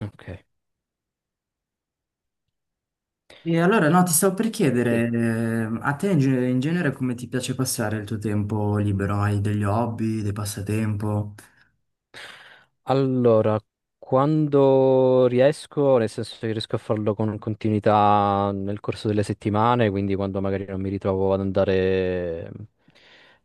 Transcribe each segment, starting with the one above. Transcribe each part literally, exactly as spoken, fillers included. Ok, E allora no, ti stavo per sì. chiedere, eh, a te in, ge- in genere come ti piace passare il tuo tempo libero? Hai degli hobby, dei passatempo? Allora, quando riesco, nel senso che riesco a farlo con continuità nel corso delle settimane, quindi quando magari non mi ritrovo ad andare,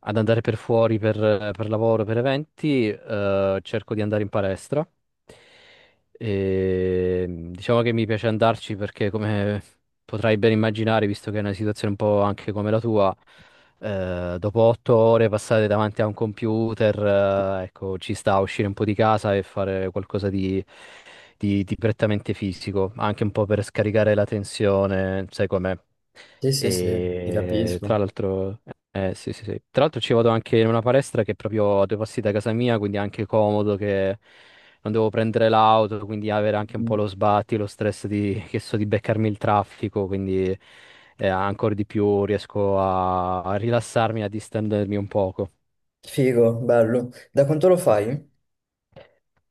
ad andare per fuori per, per lavoro, per eventi, eh, cerco di andare in palestra. E, diciamo che mi piace andarci perché, come potrai ben immaginare, visto che è una situazione un po' anche come la tua, eh, dopo otto ore passate davanti a un computer, eh, ecco, ci sta a uscire un po' di casa e fare qualcosa di, di- di prettamente fisico, anche un po' per scaricare la tensione, sai com'è. Sì, sì, sì, ti E tra capisco. l'altro, eh, sì, sì, sì. Tra l'altro ci vado anche in una palestra che è proprio a due passi da casa mia, quindi è anche comodo che non devo prendere l'auto, quindi avere anche un po' Mhm. lo sbatti, lo stress di, che so, di beccarmi il traffico, quindi eh, ancora di più riesco a, a rilassarmi, a distendermi un poco. Figo, bello. Da quanto lo Sì, fai? sì.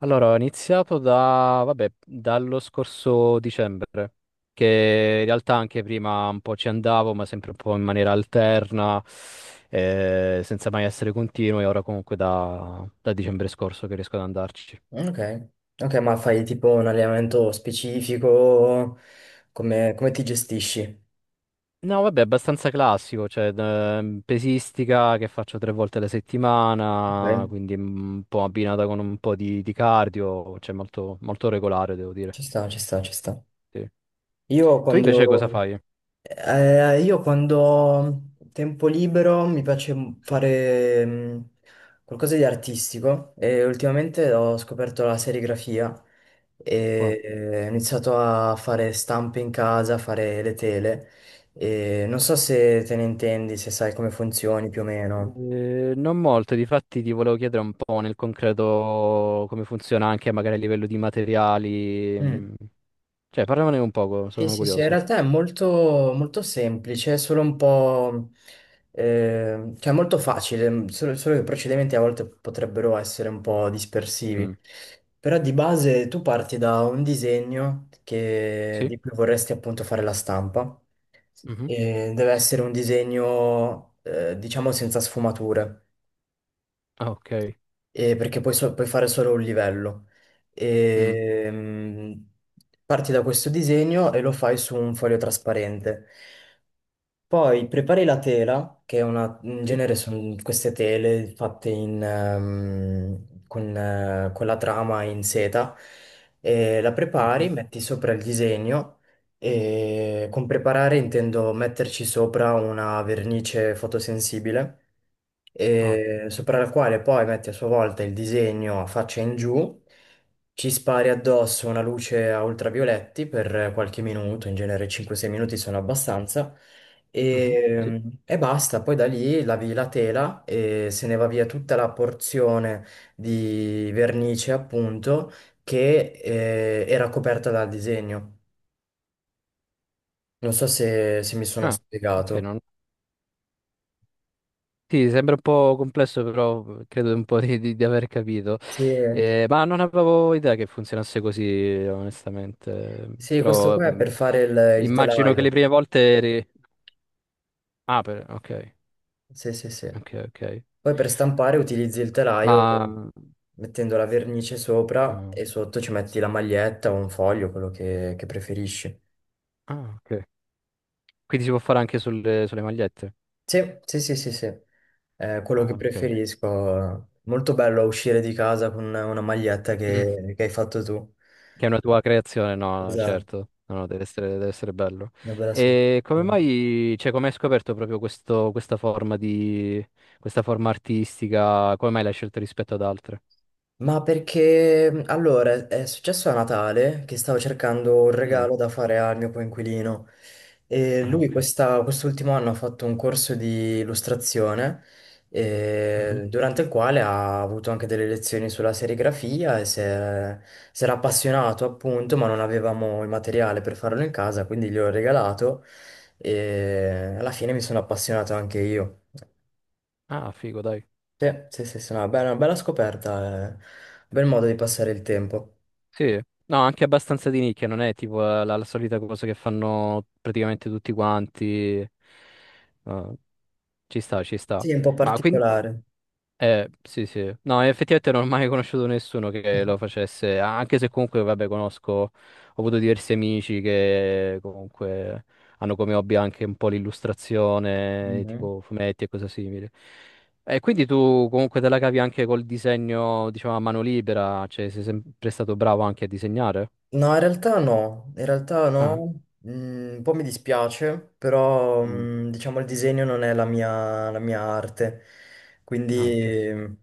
Allora, ho iniziato da, vabbè, dallo scorso dicembre, che in realtà anche prima un po' ci andavo, ma sempre un po' in maniera alterna, eh, senza mai essere continuo, e ora comunque da, da dicembre scorso che riesco ad andarci. Mm, ok. Ok, ma fai tipo un allenamento specifico? Come, come ti gestisci? No, vabbè, abbastanza classico, cioè ehm, pesistica che faccio tre volte alla settimana, Ok, quindi mm, un po' abbinata con un po' di, di cardio, cioè molto, molto regolare, devo dire. ci sta, ci sta, ci sta. Sì. Io Eh, Tu invece cosa quando, fai? Eh, io quando ho tempo libero mi piace m- Sì. fare mm, qualcosa di artistico e ultimamente ho scoperto la serigrafia Wow. e eh, ho iniziato a fare stampe in casa, a fare le tele e non so se te ne intendi, se sai come funzioni più o meno. Eh, non molto, difatti ti volevo chiedere un po' nel concreto come funziona anche magari a livello di materiali, mm, cioè parlamene un poco, Sì, sono sì, sì, in curioso. realtà è molto, molto semplice, è solo un po', eh, cioè molto facile, mm, solo, solo che i procedimenti a volte potrebbero essere un po' dispersivi. Mm. Però di base tu parti da un disegno che- Sì? di cui vorresti appunto fare la stampa Mhm. e deve essere un disegno, eh, diciamo, senza sfumature, Ah, ok. eh, perché puoi, so- puoi fare solo un livello. Mm. E, mm, parti da questo disegno e lo fai su un foglio trasparente. Poi prepari la tela, che è una, in Sì. genere sono queste tele fatte in, ehm, con, eh, con la trama in seta, e la prepari, Ok. metti sopra il disegno e con preparare intendo metterci sopra una vernice fotosensibile, Ah, e sopra la quale poi metti a sua volta il disegno a faccia in giù, ci spari addosso una luce a ultravioletti per qualche minuto, in genere cinque sei minuti sono abbastanza, mhm, Sì. e, e basta. Poi da lì lavi la tela e se ne va via tutta la porzione di vernice, appunto, che eh, era coperta dal disegno. Non so se, se mi sono Ah, ok, spiegato. non, sì, sembra un po' complesso, però credo un po' di, di- di aver capito. Sì, Eh, ma non avevo idea che funzionasse così, onestamente. sì, questo Però qua è mh, per fare il, il immagino che le telaio. prime volte eri. Ah, per- ok, Sì, sì, sì. ok, ok. Poi per stampare utilizzi il telaio Ma... mettendo la vernice sopra ah, e sotto ci metti la maglietta o un foglio, quello che, che preferisci. ah, ok. Quindi si può fare anche sulle, sulle, magliette. Sì, sì, sì, sì, sì. È quello che Ah, ok. preferisco. Molto bello uscire di casa con una maglietta che, che hai fatto tu. Che è una tua creazione, no, Esatto, certo, no, no, deve essere, deve essere bello. una bella E come sensazione. mai, cioè, come hai scoperto proprio questo, questa forma di, questa forma artistica? Come mai l'hai scelta rispetto ad altre? Ma perché mh, allora è successo a Natale che stavo cercando un Mm. regalo da fare al mio coinquilino e Ah, lui ok. questa- quest'ultimo anno ha fatto un corso di illustrazione Mhm. eh, durante il quale ha avuto anche delle lezioni sulla serigrafia e si è- si era appassionato appunto, ma non avevamo il materiale per farlo in casa, quindi gliel'ho regalato e alla fine mi sono appassionato anche io. Ah, figo, dai. Sì, sì, sì, sì, no, beh, una bella scoperta, eh. Un bel modo di passare il tempo. Sì, no, anche abbastanza di nicchia, non è tipo eh, la, la solita cosa che fanno praticamente tutti quanti. Ah, ci sta, ci sta. Sì, è un po' Ma quindi. particolare. Eh, sì, sì. No, effettivamente non ho mai conosciuto nessuno che lo facesse, anche se comunque, vabbè, conosco, ho avuto diversi amici che comunque hanno come hobby anche un po' l'illustrazione, Mhm. tipo fumetti e cose simili. E quindi tu comunque te la cavi anche col disegno, diciamo, a mano libera, cioè sei sempre stato bravo anche a disegnare? No, in realtà no, in realtà Ah, no, Mm, un po' mi dispiace, però Mm. mm, diciamo il disegno non è la mia, la mia arte, ah, ok, quindi mm,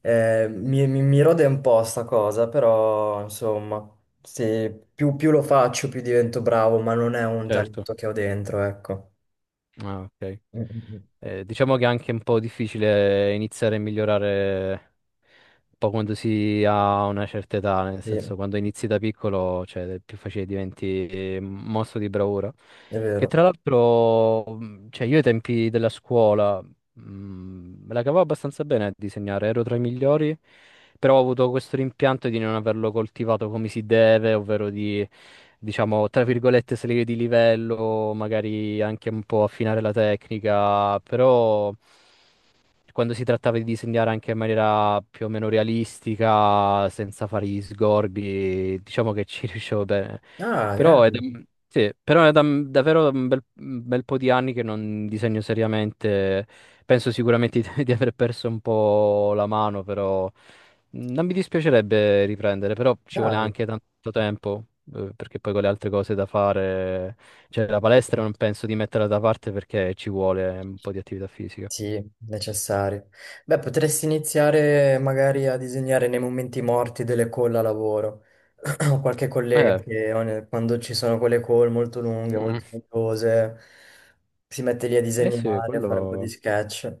eh, mi, mi- mi rode un po' sta cosa, però insomma, se più, più lo faccio più divento bravo, ma non è un certo. talento che ho dentro, ecco. Ah, ok. Mm, mm, mm. Eh, diciamo che è anche un po' difficile iniziare a migliorare un po' quando si ha una certa età, nel Sì, è senso quando inizi da piccolo, cioè è più facile diventi eh, mostro di bravura. Che vero. tra l'altro, mh, cioè io ai tempi della scuola Mm, me la cavavo abbastanza bene a disegnare, ero tra i migliori, però ho avuto questo rimpianto di non averlo coltivato come si deve, ovvero di, diciamo, tra virgolette, salire di livello, magari anche un po' affinare la tecnica, però quando si trattava di disegnare anche in maniera più o meno realistica, senza fare gli sgorbi, diciamo che ci riuscivo bene. Ah, Però è da, grande, sì, però è da- davvero un bel, un bel, po' di anni che non disegno seriamente. Penso sicuramente di, di aver perso un po' la mano, però mh, non mi dispiacerebbe riprendere, però ci vuole dai, anche tanto tempo, eh, perché poi con le altre cose da fare, cioè la palestra non penso di metterla da parte perché ci vuole un po' di attività fisica. sì, necessario. Beh, potresti iniziare magari a disegnare nei momenti morti delle call a lavoro. Ho qualche collega Eh, che ogni- quando ci sono quelle call molto lunghe, molto mm, noiose, si mette lì a eh sì, disegnare, a fare un po' di quello. sketch.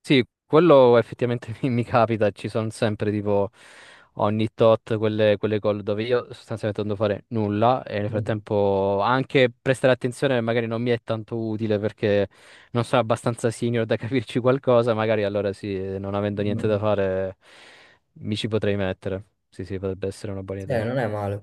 Sì, quello effettivamente mi, mi, capita, ci sono sempre tipo ogni tot quelle, quelle call dove io sostanzialmente non devo fare nulla e nel frattempo anche prestare attenzione magari non mi è tanto utile perché non sono abbastanza senior da capirci qualcosa, magari allora sì, non avendo niente da Mm. fare mi ci potrei mettere. Sì, sì, potrebbe essere una buona Eh, idea. Non è male.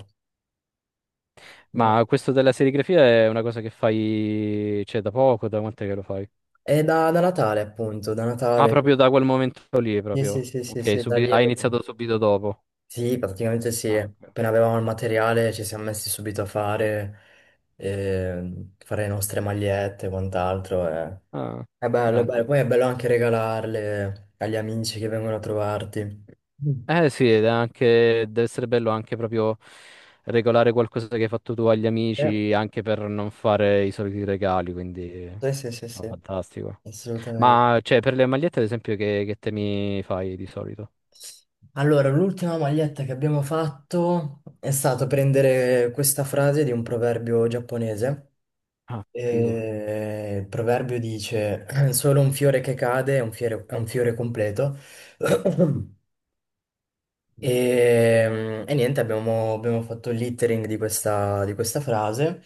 Non è- Ma questo della serigrafia è una cosa che fai, cioè, da poco, da quant'è che lo fai? È da, da Natale, appunto, da Ah, Natale. proprio da quel momento lì, Sì, sì, proprio. sì, sì, Ok, sì, da subi- lì è hai bello. iniziato subito dopo. Sì, praticamente sì. Ah, ok. Appena avevamo il materiale ci siamo messi subito a fare, eh, fare le nostre magliette e quant'altro. Eh. Ah, È bello, è bello. grande. Poi è bello anche regalarle agli amici che vengono a trovarti. Mm. Eh sì, ed è anche, deve essere bello anche proprio regolare qualcosa che hai fatto tu agli Eh, amici, anche per non fare i soliti regali, quindi sì, sì, sì, no, sì, fantastico. assolutamente. Ma cioè, per le magliette, ad esempio, che, che temi fai di solito? Allora, l'ultima maglietta che abbiamo fatto è stato prendere questa frase di un proverbio giapponese. Ah, figo. Eh, il proverbio dice: Solo un fiore che cade è un fiore, è un fiore completo. E, mm, e niente, abbiamo, abbiamo fatto il lettering di questa, di questa, frase.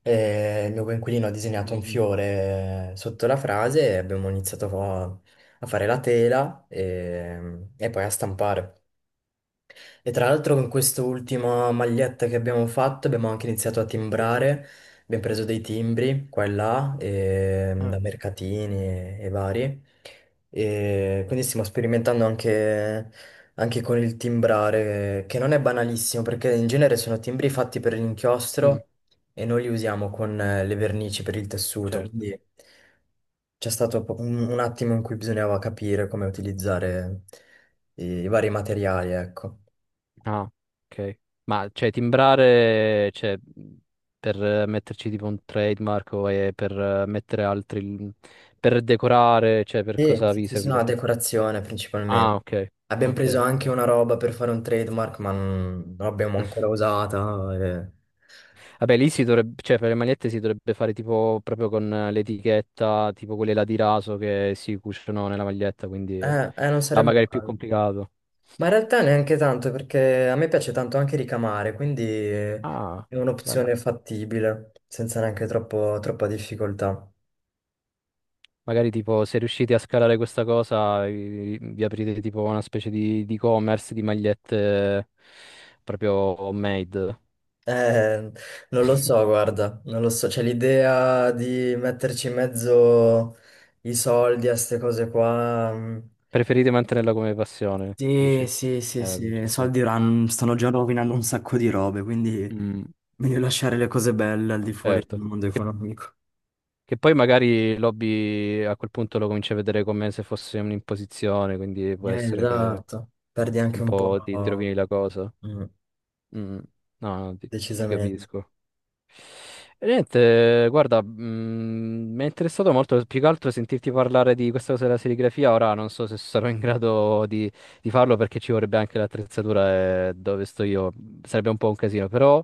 E il mio coinquilino ha disegnato un Mhm. fiore sotto la frase e abbiamo iniziato a, a fare la tela e, e poi a stampare. E tra l'altro con quest'ultima maglietta che abbiamo fatto abbiamo anche iniziato a Sì. timbrare, abbiamo preso dei timbri qua e là, e, Ah, da mercatini e, e vari, e quindi stiamo sperimentando anche, anche con il timbrare, che non è banalissimo perché in genere sono timbri fatti per mm, l'inchiostro e noi li usiamo con eh, le vernici per il tessuto, certo. quindi c'è stato po- un, un attimo in cui bisognava capire come utilizzare i i vari materiali, ecco. Ah, ok. Ma cioè timbrare, cioè, per eh, metterci tipo un trademark o eh, per eh, mettere altri, per decorare, cioè per Sì, cosa sì, vi sì, sì, no, servirebbe? decorazione Ah, principalmente. ok. Abbiamo Ok, preso anche ok. una roba per fare un trademark, ma non non l'abbiamo ancora usata. e- Vabbè, lì si dovrebbe, cioè per le magliette si dovrebbe fare tipo proprio con eh, l'etichetta, tipo quelle là di raso che si cuciono nella maglietta, quindi Eh, eh, non là sarebbe magari è più male. complicato. Ma in realtà neanche tanto, perché a me piace tanto anche ricamare, quindi eh, Ah, è grande. un'opzione fattibile, senza neanche troppo- troppa difficoltà. Magari tipo se riuscite a scalare questa cosa, vi, vi aprite tipo una specie di, di e-commerce di magliette proprio homemade. Eh, non lo so, guarda, non lo so. C'è l'idea di metterci in mezzo i soldi a queste cose qua. mm, Preferite mantenerla come passione, dici? Sì, sì, sì, Eh, vabbè, ci sì, sta. soldi ran- stanno già rovinando un sacco di robe, quindi Mm, meglio lasciare le cose belle al di fuori del certo. mondo Che, economico. che poi magari l'hobby a quel punto lo cominci a vedere come se fosse un'imposizione, quindi può Eh, essere che Esatto, perdi anche un un po' ti, ti po', rovini la cosa. mm, Mm, no, no, ti ti decisamente. capisco. E Niente, guarda, mm, mi è interessato molto più che altro sentirti parlare di questa cosa della serigrafia. Ora non so se sarò in grado di, di farlo perché ci vorrebbe anche l'attrezzatura e dove sto io sarebbe un po' un casino, però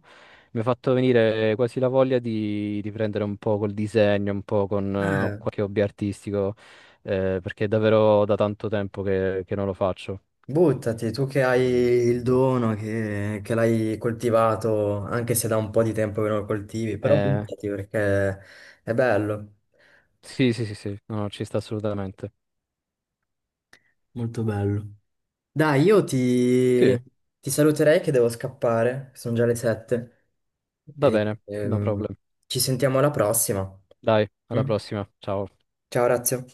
mi ha fatto venire quasi la voglia di, di prendere un po' col disegno, un po' con eh, Eh, qualche hobby artistico, eh, perché è davvero da tanto tempo che, che non lo faccio. Buttati, tu che hai Mm, il mm. dono, che, che l'hai coltivato, anche se da un po' di tempo che non lo coltivi, però Eh, buttati perché è bello, sì, sì, sì, sì, no, no, ci sta assolutamente. molto bello. Dai, io Sì, ti, ti saluterei che devo scappare, sono già le sette. va E, bene, no ehm, problem. ci sentiamo alla prossima. Dai, alla Mm? prossima. Ciao. Ciao, Razio.